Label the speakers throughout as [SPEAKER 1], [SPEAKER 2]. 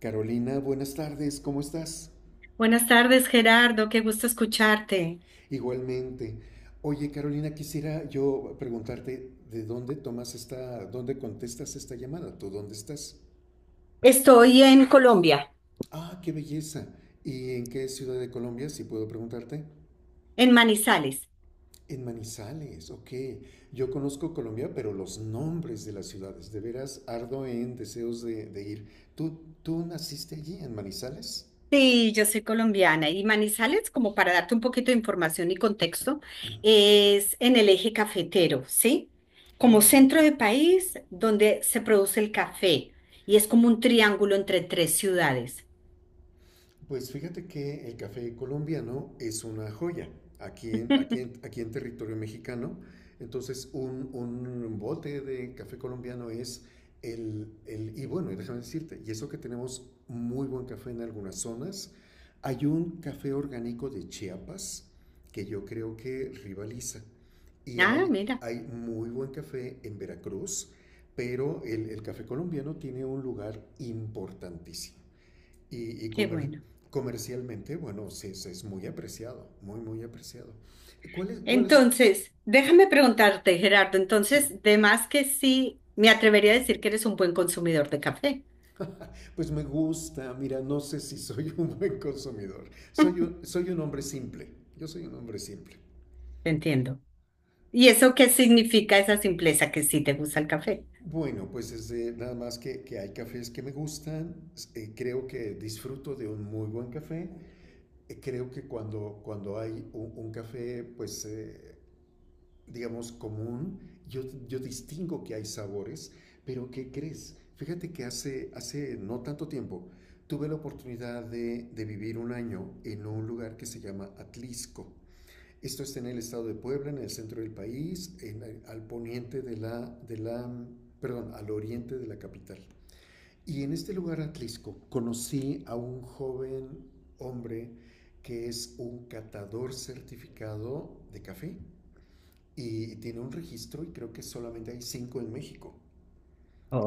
[SPEAKER 1] Carolina, buenas tardes, ¿cómo estás?
[SPEAKER 2] Buenas tardes, Gerardo. Qué gusto escucharte.
[SPEAKER 1] Igualmente. Oye, Carolina, quisiera yo preguntarte de dónde tomas dónde contestas esta llamada, ¿tú dónde estás?
[SPEAKER 2] Estoy en Colombia.
[SPEAKER 1] Ah, qué belleza. ¿Y en qué ciudad de Colombia, si puedo preguntarte?
[SPEAKER 2] En Manizales.
[SPEAKER 1] En Manizales, ok. Yo conozco Colombia, pero los nombres de las ciudades, de veras ardo en deseos de ir. ¿Tú naciste allí, en Manizales?
[SPEAKER 2] Sí, yo soy colombiana y Manizales, como para darte un poquito de información y contexto, es en el eje cafetero, ¿sí? Como
[SPEAKER 1] Oh.
[SPEAKER 2] centro de país donde se produce el café y es como un triángulo entre tres ciudades.
[SPEAKER 1] Pues fíjate que el café colombiano es una joya aquí en territorio mexicano. Entonces, un bote de café colombiano es el. Y bueno, y déjame decirte, y eso que tenemos muy buen café en algunas zonas. Hay un café orgánico de Chiapas que yo creo que rivaliza. Y
[SPEAKER 2] Ah,
[SPEAKER 1] hay,
[SPEAKER 2] mira,
[SPEAKER 1] hay muy buen café en Veracruz, pero el café colombiano tiene un lugar importantísimo y, y
[SPEAKER 2] qué
[SPEAKER 1] comer,
[SPEAKER 2] bueno.
[SPEAKER 1] comercialmente, bueno, sí, es, muy apreciado, muy, muy apreciado. ¿Cuál es?
[SPEAKER 2] Entonces, déjame preguntarte, Gerardo,
[SPEAKER 1] Sí,
[SPEAKER 2] entonces, de más que sí, me atrevería a decir que eres un buen consumidor de café.
[SPEAKER 1] pues me gusta, mira, no sé si soy un buen consumidor, soy un hombre simple, yo soy un hombre simple.
[SPEAKER 2] Te entiendo. ¿Y eso qué significa esa simpleza que sí te gusta el café?
[SPEAKER 1] Bueno, pues nada más que, hay cafés que me gustan, creo que disfruto de un muy buen café, creo que cuando hay un café, pues, digamos, común. Yo, yo distingo que hay sabores, pero ¿qué crees? Fíjate que hace no tanto tiempo tuve la oportunidad de vivir un año en un lugar que se llama Atlisco. Esto está en el estado de Puebla, en el centro del país, al poniente de la, perdón, al oriente de la capital. Y en este lugar, Atlisco, conocí a un joven hombre que es un catador certificado de café y tiene un registro y creo que solamente hay cinco en México.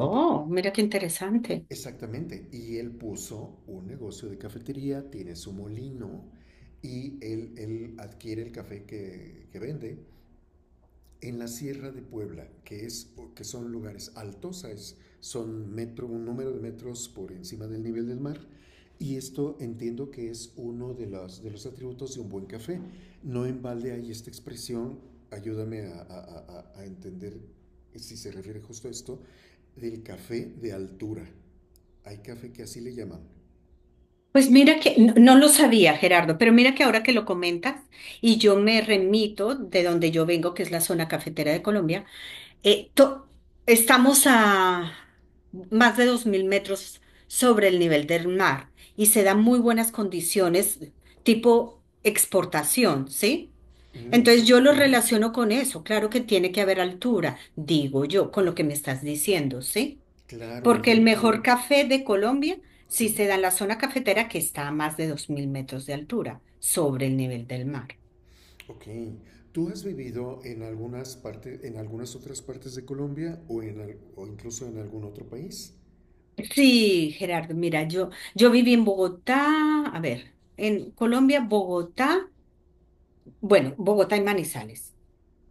[SPEAKER 1] Ento-
[SPEAKER 2] mira qué interesante.
[SPEAKER 1] Exactamente. Y él puso un negocio de cafetería, tiene su molino y él adquiere el café que vende en la Sierra de Puebla, que son lugares altos, son un número de metros por encima del nivel del mar, y esto entiendo que es uno de los atributos de un buen café. No en balde hay esta expresión, ayúdame a entender si se refiere justo a esto, del café de altura. Hay café que así le llaman.
[SPEAKER 2] Pues mira que no, no lo sabía, Gerardo, pero mira que ahora que lo comentas y yo me remito de donde yo vengo, que es la zona cafetera de Colombia, eh, to- estamos a más de 2000 metros sobre el nivel del mar y se dan muy buenas condiciones tipo exportación, ¿sí?
[SPEAKER 1] Mm,
[SPEAKER 2] Entonces yo lo
[SPEAKER 1] ujú.
[SPEAKER 2] relaciono con eso. Claro que tiene que haber altura, digo yo, con lo que me estás diciendo, ¿sí?
[SPEAKER 1] Claro,
[SPEAKER 2] Porque el mejor
[SPEAKER 1] definitivamente.
[SPEAKER 2] café de Colombia, sí
[SPEAKER 1] Sí.
[SPEAKER 2] se da en la zona cafetera que está a más de 2000 metros de altura sobre el nivel del mar.
[SPEAKER 1] Ok. ¿Tú has vivido en algunas partes, en algunas otras partes de Colombia o o incluso en algún otro país?
[SPEAKER 2] Sí, Gerardo, mira, yo viví en Bogotá, a ver, en Colombia, Bogotá, bueno, Bogotá y Manizales,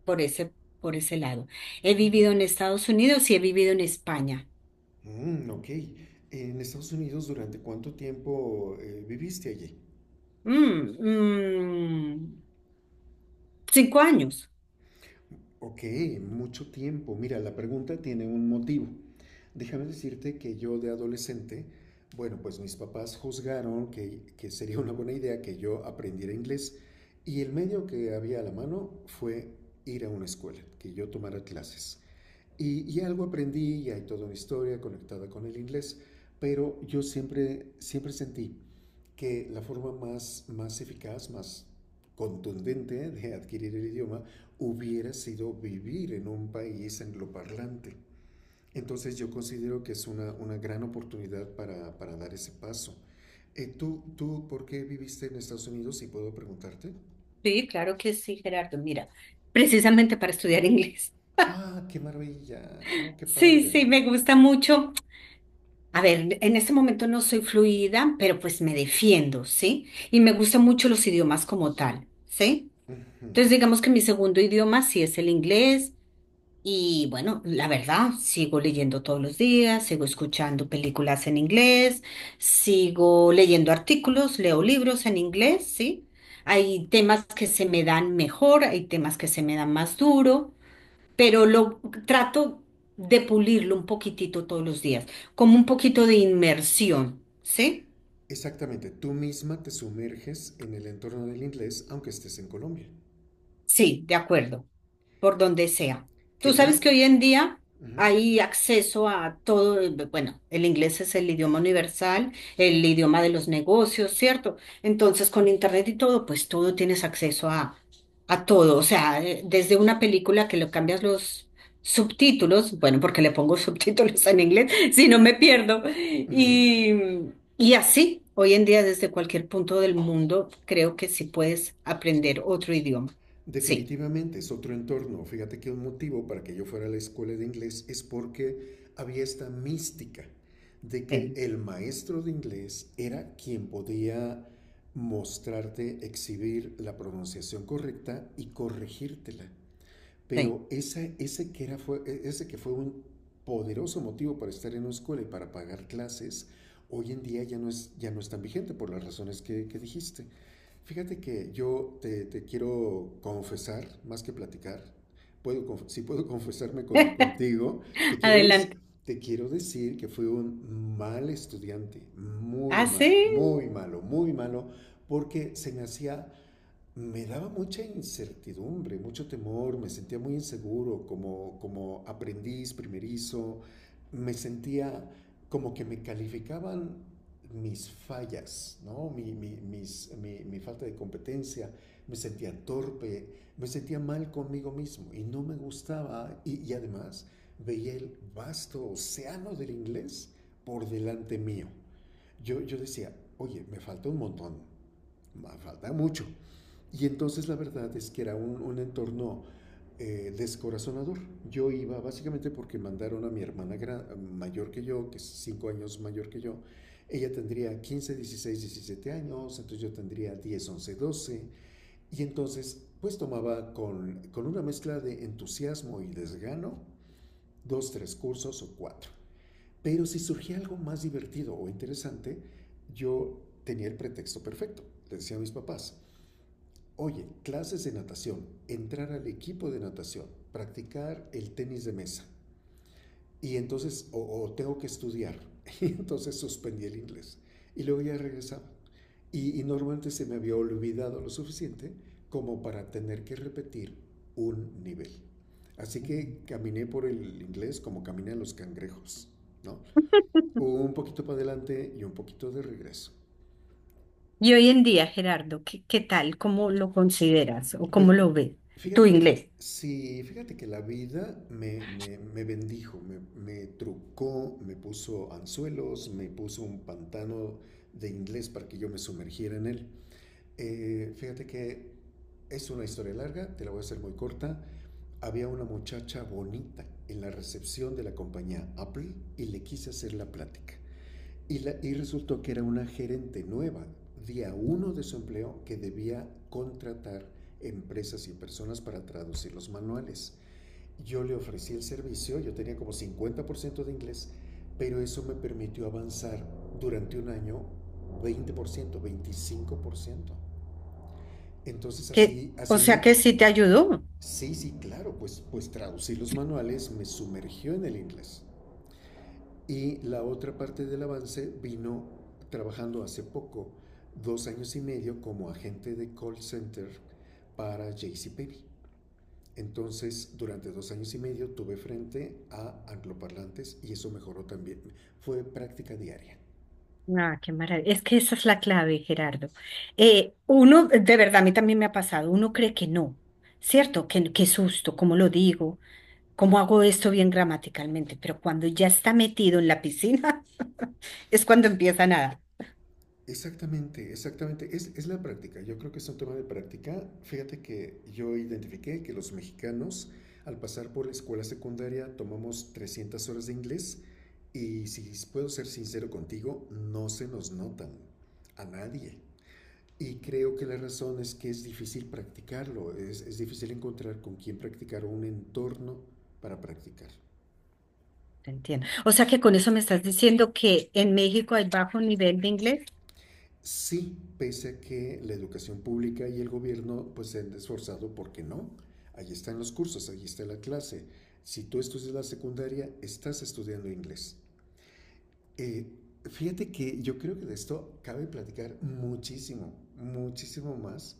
[SPEAKER 2] por ese, por ese lado. He vivido en Estados Unidos y he vivido en España.
[SPEAKER 1] Mm, mm, ok. En Estados Unidos, ¿durante cuánto tiempo viviste allí?
[SPEAKER 2] Mm, mm, 5 años.
[SPEAKER 1] Ok, mucho tiempo. Mira, la pregunta tiene un motivo. Déjame decirte que yo de adolescente, bueno, pues mis papás juzgaron que sería una buena idea que yo aprendiera inglés y el medio que había a la mano fue ir a una escuela, que yo tomara clases. Y algo aprendí y hay toda una historia conectada con el inglés, pero yo siempre, siempre sentí que la forma más, más eficaz, más contundente de adquirir el idioma hubiera sido vivir en un país angloparlante. Entonces yo considero que es una gran oportunidad para dar ese paso. ¿Tú por qué viviste en Estados Unidos? Si puedo preguntarte.
[SPEAKER 2] Sí, claro que sí, Gerardo. Mira, precisamente para estudiar inglés.
[SPEAKER 1] Ah, qué maravilla. Oh, qué
[SPEAKER 2] Sí,
[SPEAKER 1] padre.
[SPEAKER 2] sí, me gusta mucho. A ver, en este momento no soy fluida, pero pues me defiendo, ¿sí? Y me gustan mucho los idiomas como tal, ¿sí? Entonces digamos que mi segundo idioma sí es el inglés y bueno, la verdad, sigo leyendo todos los días, sigo escuchando películas en inglés, sigo leyendo artículos, leo libros en inglés, ¿sí? Hay temas que se me dan mejor, hay temas que se me dan más duro, pero lo trato de pulirlo un poquitito todos los días, como un poquito de inmersión, ¿sí?
[SPEAKER 1] Exactamente, tú misma te sumerges en el entorno del inglés aunque estés en Colombia.
[SPEAKER 2] Sí, de acuerdo, por donde sea. Tú
[SPEAKER 1] Quemar...
[SPEAKER 2] sabes que hoy en día hay acceso a todo, bueno, el inglés es el idioma universal, el idioma de los negocios, ¿cierto? Entonces, con internet y todo, pues todo tienes acceso a todo. O sea, desde una película que le cambias los subtítulos, bueno, porque le pongo subtítulos en inglés, si no me pierdo. Y así, hoy en día, desde cualquier punto del mundo, creo que sí puedes aprender otro idioma. Sí,
[SPEAKER 1] Definitivamente es otro entorno. Fíjate que un motivo para que yo fuera a la escuela de inglés es porque había esta mística de que
[SPEAKER 2] sí,
[SPEAKER 1] el maestro de inglés era quien podía mostrarte, exhibir la pronunciación correcta y corregírtela.
[SPEAKER 2] sí.
[SPEAKER 1] Pero ese, que era fue, e, ese que fue un poderoso motivo para estar en una escuela y para pagar clases, hoy en día ya no es tan vigente por las razones que dijiste. Fíjate que yo te quiero confesar, más que platicar, si puedo confesarme contigo, te quiero, des-
[SPEAKER 2] Adelante.
[SPEAKER 1] te quiero decir que fui un mal estudiante, muy
[SPEAKER 2] Ah, sí.
[SPEAKER 1] mal, muy malo, porque se me hacía me daba mucha incertidumbre, mucho temor, me sentía muy inseguro como aprendiz primerizo, me sentía como que me calificaban mis fallas, ¿no? Mi falta de competencia, me sentía torpe, me sentía mal conmigo mismo y no me gustaba y además veía el vasto océano del inglés por delante mío. Yo decía, oye, me falta un montón, me falta mucho, y entonces la verdad es que era un entorno descorazonador. Yo iba básicamente porque mandaron a mi hermana mayor que yo, que es 5 años mayor que yo. Ella tendría 15 16 17 años, entonces yo tendría 10 11 12. Y entonces pues tomaba con una mezcla de entusiasmo y desgano dos, tres cursos o cuatro. Pero si surgía algo más divertido o interesante, yo tenía el pretexto perfecto. Le decía a mis papás, oye, clases de natación, entrar al equipo de natación, practicar el tenis de mesa. Y entonces, o tengo que estudiar. Y entonces suspendí el inglés. Y luego ya regresaba. Y normalmente se me había olvidado lo suficiente como para tener que repetir un nivel. Así que caminé por el inglés como caminan los cangrejos, ¿no? Un poquito para adelante y un poquito de regreso.
[SPEAKER 2] Y hoy en día, Gerardo, ¿qué, qué tal? ¿Cómo lo consideras o
[SPEAKER 1] Pues
[SPEAKER 2] cómo lo ves tu
[SPEAKER 1] fíjate que,
[SPEAKER 2] inglés?
[SPEAKER 1] sí, fíjate que la vida me bendijo, me trucó, me puso anzuelos, me puso un pantano de inglés para que yo me sumergiera en él. Fíjate que es una historia larga, te la voy a hacer muy corta. Había una muchacha bonita en la recepción de la compañía Apple y le quise hacer la plática. Y resultó que era una gerente nueva, día uno de su empleo, que debía contratar empresas y personas para traducir los manuales. Yo le ofrecí el servicio, yo tenía como 50% de inglés, pero eso me permitió avanzar durante un año 20% 25%. Entonces
[SPEAKER 2] Que
[SPEAKER 1] así,
[SPEAKER 2] o
[SPEAKER 1] así
[SPEAKER 2] sea
[SPEAKER 1] mi...
[SPEAKER 2] que sí te ayudó.
[SPEAKER 1] Sí, sí, claro, pues, traducir los manuales me sumergió en el inglés. Y la otra parte del avance vino trabajando hace poco, 2 años y medio, como agente de call center para JCPenney. Entonces, durante 2 años y medio tuve frente a angloparlantes y eso mejoró también. Fue práctica diaria.
[SPEAKER 2] Ah, qué maravilla. Es que esa es la clave, Gerardo. Uno, de verdad, a mí también me ha pasado, uno cree que no, ¿cierto? Que, qué susto, ¿cómo lo digo? ¿Cómo hago esto bien gramaticalmente? Pero cuando ya está metido en la piscina, es cuando empieza a nadar.
[SPEAKER 1] Exactamente, exactamente. Es la práctica. Yo creo que es un tema de práctica. Fíjate que yo identifiqué que los mexicanos, al pasar por la escuela secundaria, tomamos 300 horas de inglés. Y si puedo ser sincero contigo, no se nos notan a nadie. Y creo que la razón es que es difícil practicarlo, es difícil encontrar con quién practicar o un entorno para practicar.
[SPEAKER 2] Te entiendo. O sea que con eso me estás diciendo que en México hay bajo nivel de inglés.
[SPEAKER 1] Sí, pese a que la educación pública y el gobierno pues se han esforzado, ¿por qué no? Allí están los cursos, allí está la clase. Si tú estudias la secundaria, estás estudiando inglés. Eh, fíjate que yo creo que de esto cabe platicar muchísimo, muchísimo más,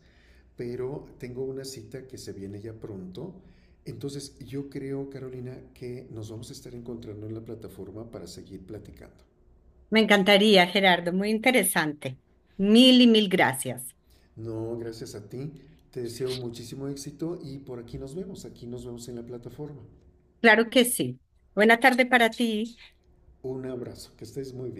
[SPEAKER 1] pero tengo una cita que se viene ya pronto. Entonces, yo creo, Carolina, que nos vamos a estar encontrando en la plataforma para seguir platicando.
[SPEAKER 2] Me encantaría, Gerardo, muy interesante. Mil y mil gracias.
[SPEAKER 1] No, gracias a ti. Te deseo muchísimo éxito y por aquí nos vemos. Aquí nos vemos en la plataforma.
[SPEAKER 2] Claro que sí. Buena tarde para ti.
[SPEAKER 1] Un abrazo. Que estés muy bien.